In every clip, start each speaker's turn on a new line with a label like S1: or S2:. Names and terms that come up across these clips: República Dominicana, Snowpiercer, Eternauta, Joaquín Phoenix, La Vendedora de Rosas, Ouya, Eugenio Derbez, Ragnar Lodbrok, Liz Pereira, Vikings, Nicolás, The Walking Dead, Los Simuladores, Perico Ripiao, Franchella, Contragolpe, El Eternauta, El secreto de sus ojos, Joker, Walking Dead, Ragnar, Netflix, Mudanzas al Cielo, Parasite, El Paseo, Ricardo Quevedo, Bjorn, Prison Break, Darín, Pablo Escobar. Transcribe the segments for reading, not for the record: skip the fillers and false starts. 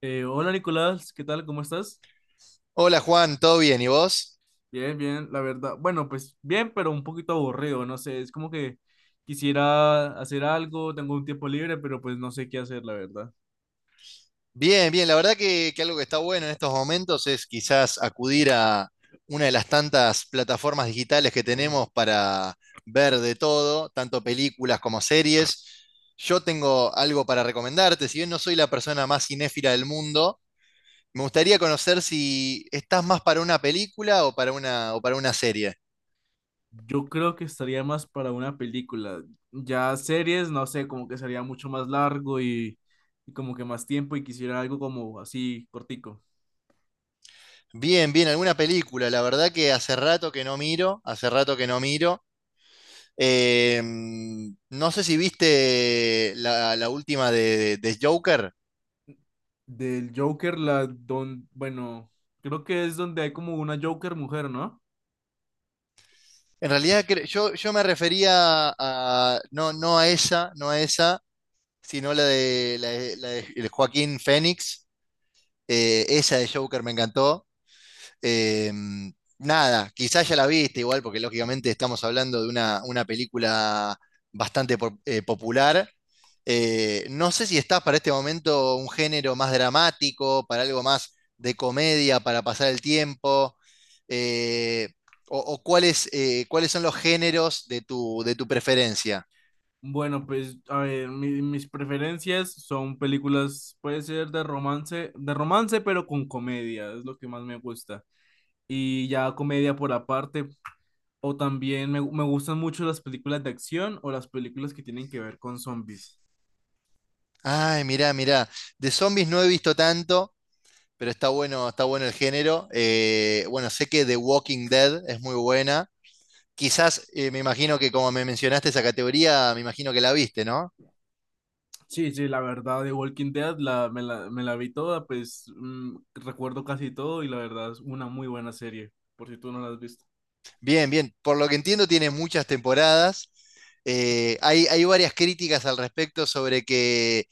S1: Hola, Nicolás, ¿qué tal? ¿Cómo estás?
S2: Hola Juan, ¿todo bien? ¿Y vos?
S1: Bien, bien, la verdad. Bueno, pues bien, pero un poquito aburrido, no sé, es como que quisiera hacer algo, tengo un tiempo libre, pero pues no sé qué hacer, la verdad.
S2: Bien, bien. La verdad que algo que está bueno en estos momentos es quizás acudir a una de las tantas plataformas digitales que tenemos para ver de todo, tanto películas como series. Yo tengo algo para recomendarte, si bien no soy la persona más cinéfila del mundo, me gustaría conocer si estás más para una película o para una serie.
S1: Yo creo que estaría más para una película. Ya series, no sé, como que sería mucho más largo y como que más tiempo y quisiera algo como así cortico.
S2: Bien, bien, alguna película. La verdad que hace rato que no miro, hace rato que no miro. Eh, no sé si viste la última de Joker.
S1: Del Joker, la don, bueno, creo que es donde hay como una Joker mujer, ¿no?
S2: En realidad yo me refería a, no, no a esa, no a esa, sino la de, la de Joaquín Phoenix. Esa de Joker me encantó. Eh, Nada, quizás ya la viste igual, porque lógicamente estamos hablando de una película bastante popular. No sé si estás para este momento un género más dramático, para algo más de comedia, para pasar el tiempo, eh, o cuáles, cuáles son los géneros de tu preferencia.
S1: Bueno, pues, a ver, mis preferencias son películas, puede ser de romance, pero con comedia, es lo que más me gusta. Y ya comedia por aparte, o también me gustan mucho las películas de acción o las películas que tienen que ver con zombies.
S2: Ay, mirá, mirá, de zombies no he visto tanto, pero está bueno el género. Bueno, sé que The Walking Dead es muy buena. Quizás me imagino que como me mencionaste esa categoría, me imagino que la viste, ¿no?
S1: Sí, sí, la verdad, de Walking Dead me la vi toda, pues mm, recuerdo casi todo y la verdad es una muy buena serie, por si tú no la has visto.
S2: Bien, bien. Por lo que entiendo, tiene muchas temporadas. Hay, hay varias críticas al respecto sobre que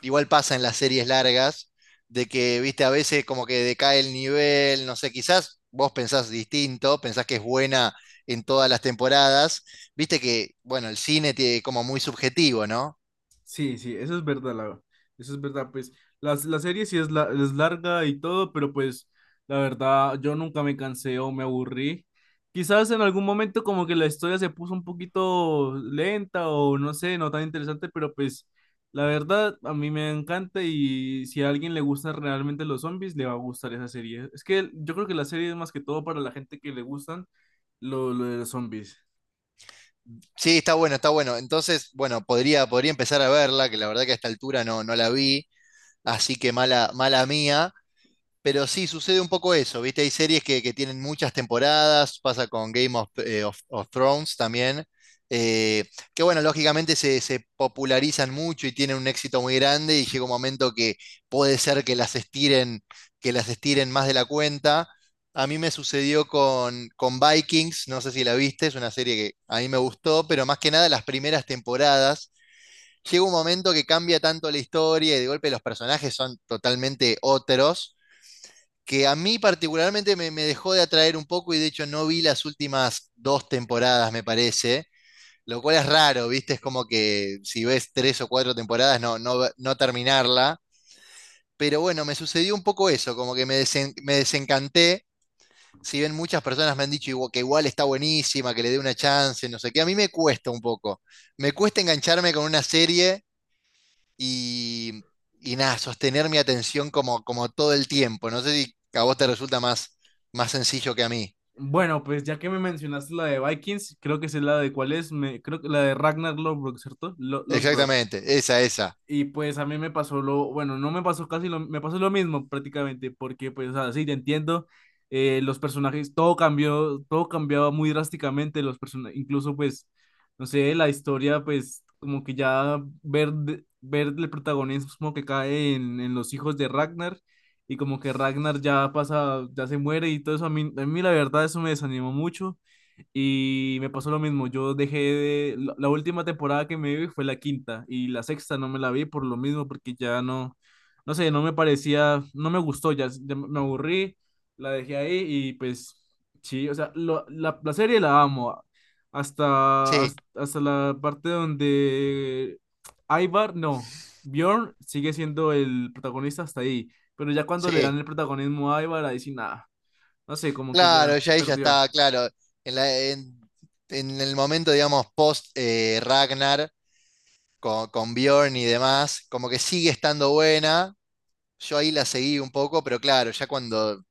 S2: igual pasa en las series largas, de que, viste, a veces como que decae el nivel, no sé, quizás vos pensás distinto, pensás que es buena en todas las temporadas, viste que, bueno, el cine tiene como muy subjetivo, ¿no?
S1: Sí, sí, eso es verdad, la, eso es verdad, pues serie sí es, la, es larga y todo, pero pues la verdad yo nunca me cansé o me aburrí. Quizás en algún momento como que la historia se puso un poquito lenta o no sé, no tan interesante, pero pues la verdad a mí me encanta y si a alguien le gustan realmente los zombies, le va a gustar esa serie. Es que yo creo que la serie es más que todo para la gente que le gustan lo de los zombies.
S2: Sí, está bueno, está bueno. Entonces, bueno, podría, podría empezar a verla, que la verdad que a esta altura no, no la vi. Así que mala, mala mía. Pero sí, sucede un poco eso, ¿viste? Hay series que tienen muchas temporadas, pasa con Game of, of Thrones también, eh, que bueno, lógicamente se, se popularizan mucho y tienen un éxito muy grande y llega un momento que puede ser que las estiren más de la cuenta. A mí me sucedió con Vikings, no sé si la viste, es una serie que a mí me gustó, pero más que nada las primeras temporadas llega un momento que cambia tanto la historia y de golpe los personajes son totalmente otros, que a mí particularmente me, me dejó de atraer un poco y de hecho no vi las últimas dos temporadas, me parece, lo cual es raro, ¿viste? Es como que si ves tres o cuatro temporadas no, no, no terminarla. Pero bueno, me sucedió un poco eso, como que me desencanté. Si bien muchas personas me han dicho que igual está buenísima, que le dé una chance, no sé qué, a mí me cuesta un poco. Me cuesta engancharme con una serie y, y nada, sostener mi atención como, como todo el tiempo. No sé si a vos te resulta más, más sencillo que a mí.
S1: Bueno, pues ya que me mencionaste la de Vikings, creo que es la de cuál es, me, creo que la de Ragnar Lodbrok, ¿cierto? Lodbrok.
S2: Exactamente, esa, esa.
S1: Y pues a mí me pasó lo, bueno, no me pasó casi lo, me pasó lo mismo prácticamente, porque pues, o sea, sí, te entiendo, los personajes, todo cambió, todo cambiaba muy drásticamente, los personajes, incluso pues, no sé, la historia, pues, como que ya ver, ver el protagonismo que cae en los hijos de Ragnar, y como que Ragnar ya pasa, ya se muere y todo eso, a mí la verdad eso me desanimó mucho, y me pasó lo mismo, yo dejé de... la última temporada que me vi fue la quinta y la sexta no me la vi por lo mismo, porque ya no, no sé, no me parecía, no me gustó, ya, ya me aburrí, la dejé ahí y pues sí, o sea, la serie la amo,
S2: Sí,
S1: hasta la parte donde Ivar, no, Bjorn sigue siendo el protagonista hasta ahí, pero ya cuando le
S2: sí.
S1: dan el protagonismo a Ivar, ahí sí nada, no sé, como que ya
S2: Claro, ya ahí ya
S1: perdió.
S2: está, claro. En la- en, en el momento, digamos, post Ragnar con Bjorn y demás, como que sigue estando buena. Yo ahí la seguí un poco, pero claro, ya cuando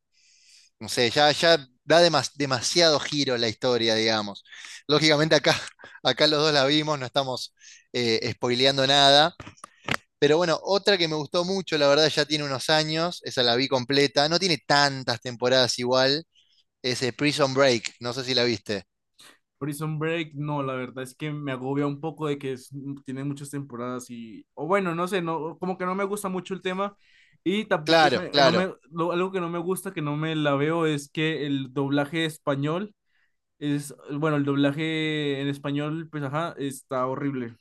S2: no sé, ya, ya da demasiado giro la historia, digamos. Lógicamente acá, acá los dos la vimos, no estamos spoileando nada. Pero bueno, otra que me gustó mucho, la verdad ya tiene unos años, esa la vi completa, no tiene tantas temporadas igual, es Prison Break, no sé si la viste.
S1: Prison Break, no, la verdad es que me agobia un poco de que mm, tiene muchas temporadas y, o bueno, no sé, no, como que no me gusta mucho el tema y tampoco
S2: Claro,
S1: no
S2: claro.
S1: algo que no me gusta, que no me la veo, es que el doblaje español es, bueno, el doblaje en español, pues ajá, está horrible,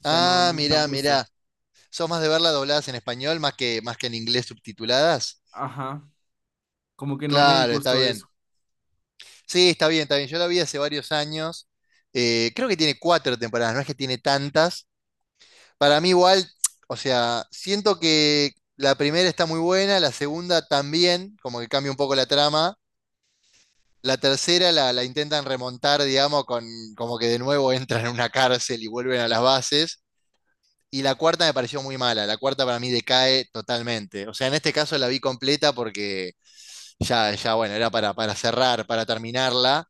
S1: o sea, no,
S2: Ah,
S1: no me
S2: mirá,
S1: gusta,
S2: mirá. ¿Sos más de verla dobladas en español más que en inglés subtituladas?
S1: ajá, como que no me
S2: Claro, está
S1: gustó
S2: bien.
S1: eso.
S2: Sí, está bien, está bien. Yo la vi hace varios años. Creo que tiene cuatro temporadas, no es que tiene tantas. Para mí igual, o sea, siento que la primera está muy buena, la segunda también, como que cambia un poco la trama. La tercera la intentan remontar, digamos, con como que de nuevo entran en una cárcel y vuelven a las bases. Y la cuarta me pareció muy mala, la cuarta para mí decae totalmente. O sea, en este caso la vi completa porque ya, ya bueno, era para cerrar, para terminarla.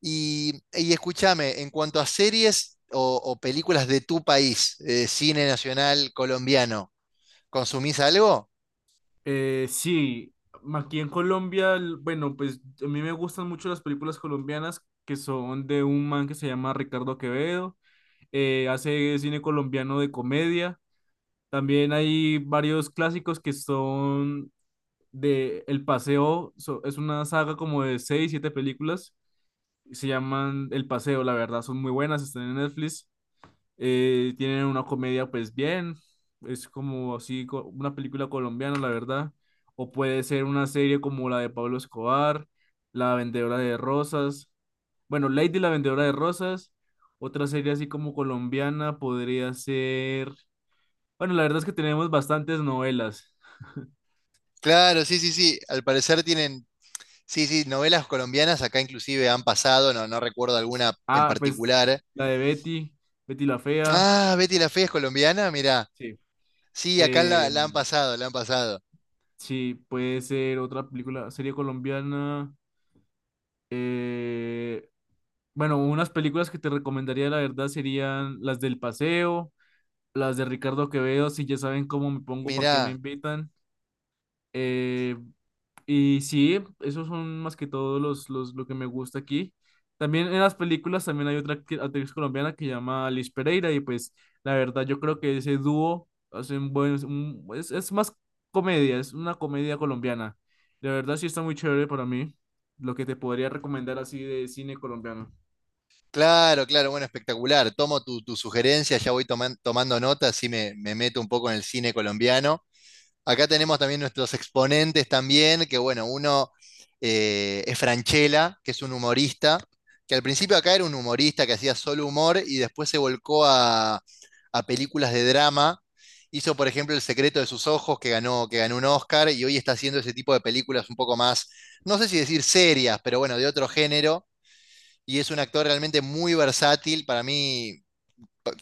S2: Y escúchame, en cuanto a series o películas de tu país, cine nacional colombiano, ¿consumís algo?
S1: Sí, aquí en Colombia, bueno, pues a mí me gustan mucho las películas colombianas que son de un man que se llama Ricardo Quevedo, hace cine colombiano de comedia. También hay varios clásicos que son de El Paseo, es una saga como de seis, siete películas, se llaman El Paseo, la verdad, son muy buenas, están en Netflix. Tienen una comedia, pues bien, es como así, una película colombiana, la verdad. O puede ser una serie como la de Pablo Escobar, La Vendedora de Rosas. Bueno, Lady la Vendedora de Rosas. Otra serie así como colombiana podría ser. Bueno, la verdad es que tenemos bastantes novelas.
S2: Claro, sí, sí, sí. Al parecer tienen, sí, sí, novelas colombianas acá inclusive han pasado, no, no recuerdo alguna en
S1: Ah, pues
S2: particular.
S1: la de Betty, Betty la Fea.
S2: Ah, Betty la Fea es colombiana, mirá.
S1: Sí.
S2: Sí, acá
S1: Eh,
S2: la han pasado, la han pasado.
S1: sí, puede ser otra película, serie colombiana. Eh, Bueno, unas películas que te recomendaría, la verdad, serían las del Paseo, las de Ricardo Quevedo, si ya saben cómo me pongo, para qué me
S2: Mirá,
S1: invitan. Eh, y sí, esos son más que todo lo que me gusta aquí. También en las películas también hay otra actriz colombiana que se llama Liz Pereira y pues la verdad yo creo que ese dúo hace un buen, es más comedia, es una comedia colombiana. La verdad sí está muy chévere para mí lo que te podría recomendar así de cine colombiano.
S2: claro, claro, bueno, espectacular. Tomo tu, tu sugerencia, ya voy tomando nota, así me, me meto un poco en el cine colombiano. Acá tenemos también nuestros exponentes también, que bueno, uno es Franchella, que es un humorista, que al principio acá era un humorista que hacía solo humor y después se volcó a películas de drama. Hizo, por ejemplo, El secreto de sus ojos, que ganó un Oscar, y hoy está haciendo ese tipo de películas un poco más, no sé si decir serias, pero bueno, de otro género. Y es un actor realmente muy versátil. Para mí,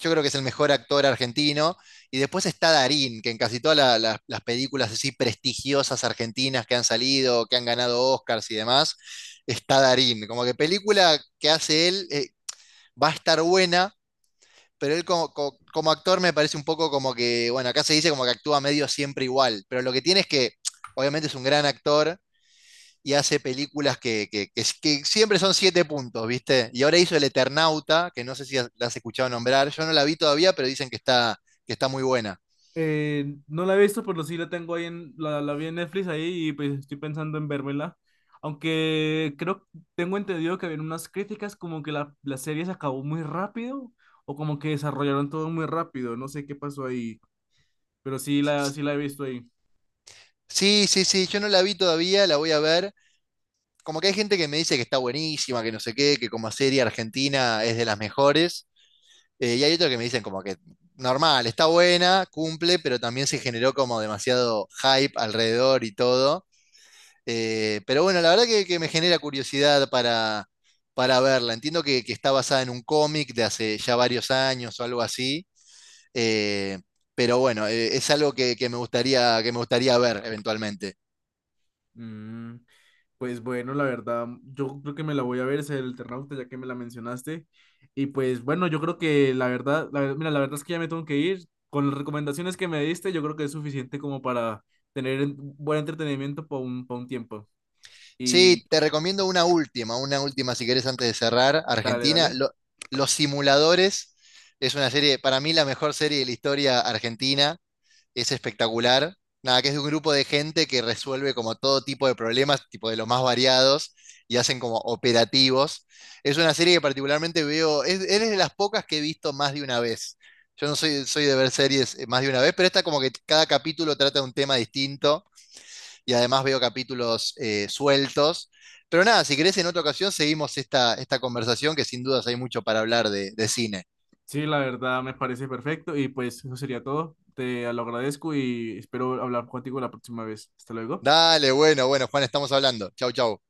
S2: yo creo que es el mejor actor argentino. Y después está Darín, que en casi todas las películas así prestigiosas argentinas que han salido, que han ganado Oscars y demás, está Darín. Como que película que hace él va a estar buena, pero él como, como actor me parece un poco como que, bueno, acá se dice como que actúa medio siempre igual, pero lo que tiene es que obviamente es un gran actor y hace películas que, que siempre son siete puntos, ¿viste? Y ahora hizo El Eternauta, que no sé si la has escuchado nombrar, yo no la vi todavía, pero dicen que está muy buena.
S1: No la he visto, pero sí la tengo ahí en, la vi en Netflix ahí y pues estoy pensando en vérmela. Aunque creo, tengo entendido que había unas críticas como que la serie se acabó muy rápido o como que desarrollaron todo muy rápido, no sé qué pasó ahí, pero sí sí la he visto ahí.
S2: Sí, sí, sí, yo no la vi todavía, la voy a ver. Como que hay gente que me dice que está buenísima, que no sé qué, que como serie argentina es de las mejores, y hay otros que me dicen como que normal, está buena, cumple, pero también se generó como demasiado hype alrededor y todo. Pero bueno, la verdad que me genera curiosidad para verla. Entiendo que está basada en un cómic de hace ya varios años o algo así. eh, pero bueno, es algo que me gustaría ver eventualmente.
S1: Mm. Pues bueno, la verdad, yo creo que me la voy a ver, es el Eternauta, ya que me la mencionaste. Y pues bueno, yo creo que la verdad, mira, la verdad es que ya me tengo que ir. Con las recomendaciones que me diste, yo creo que es suficiente como para tener buen entretenimiento por un, pa' un tiempo. Y
S2: Sí, te recomiendo una última si querés antes de cerrar.
S1: dale,
S2: Argentina,
S1: dale.
S2: Los Simuladores es una serie, para mí la mejor serie de la historia argentina. Es espectacular. Nada, que es de un grupo de gente que resuelve como todo tipo de problemas, tipo de los más variados, y hacen como operativos. Es una serie que particularmente veo, es de las pocas que he visto más de una vez. Yo no soy, soy de ver series más de una vez, pero esta como que cada capítulo trata de un tema distinto y además veo capítulos sueltos. Pero nada, si querés en otra ocasión seguimos esta, esta conversación que sin dudas hay mucho para hablar de cine.
S1: Sí, la verdad me parece perfecto. Y pues eso sería todo. Te lo agradezco y espero hablar contigo la próxima vez. Hasta luego.
S2: Dale, bueno, bueno, Juan, estamos hablando. Chau, chau.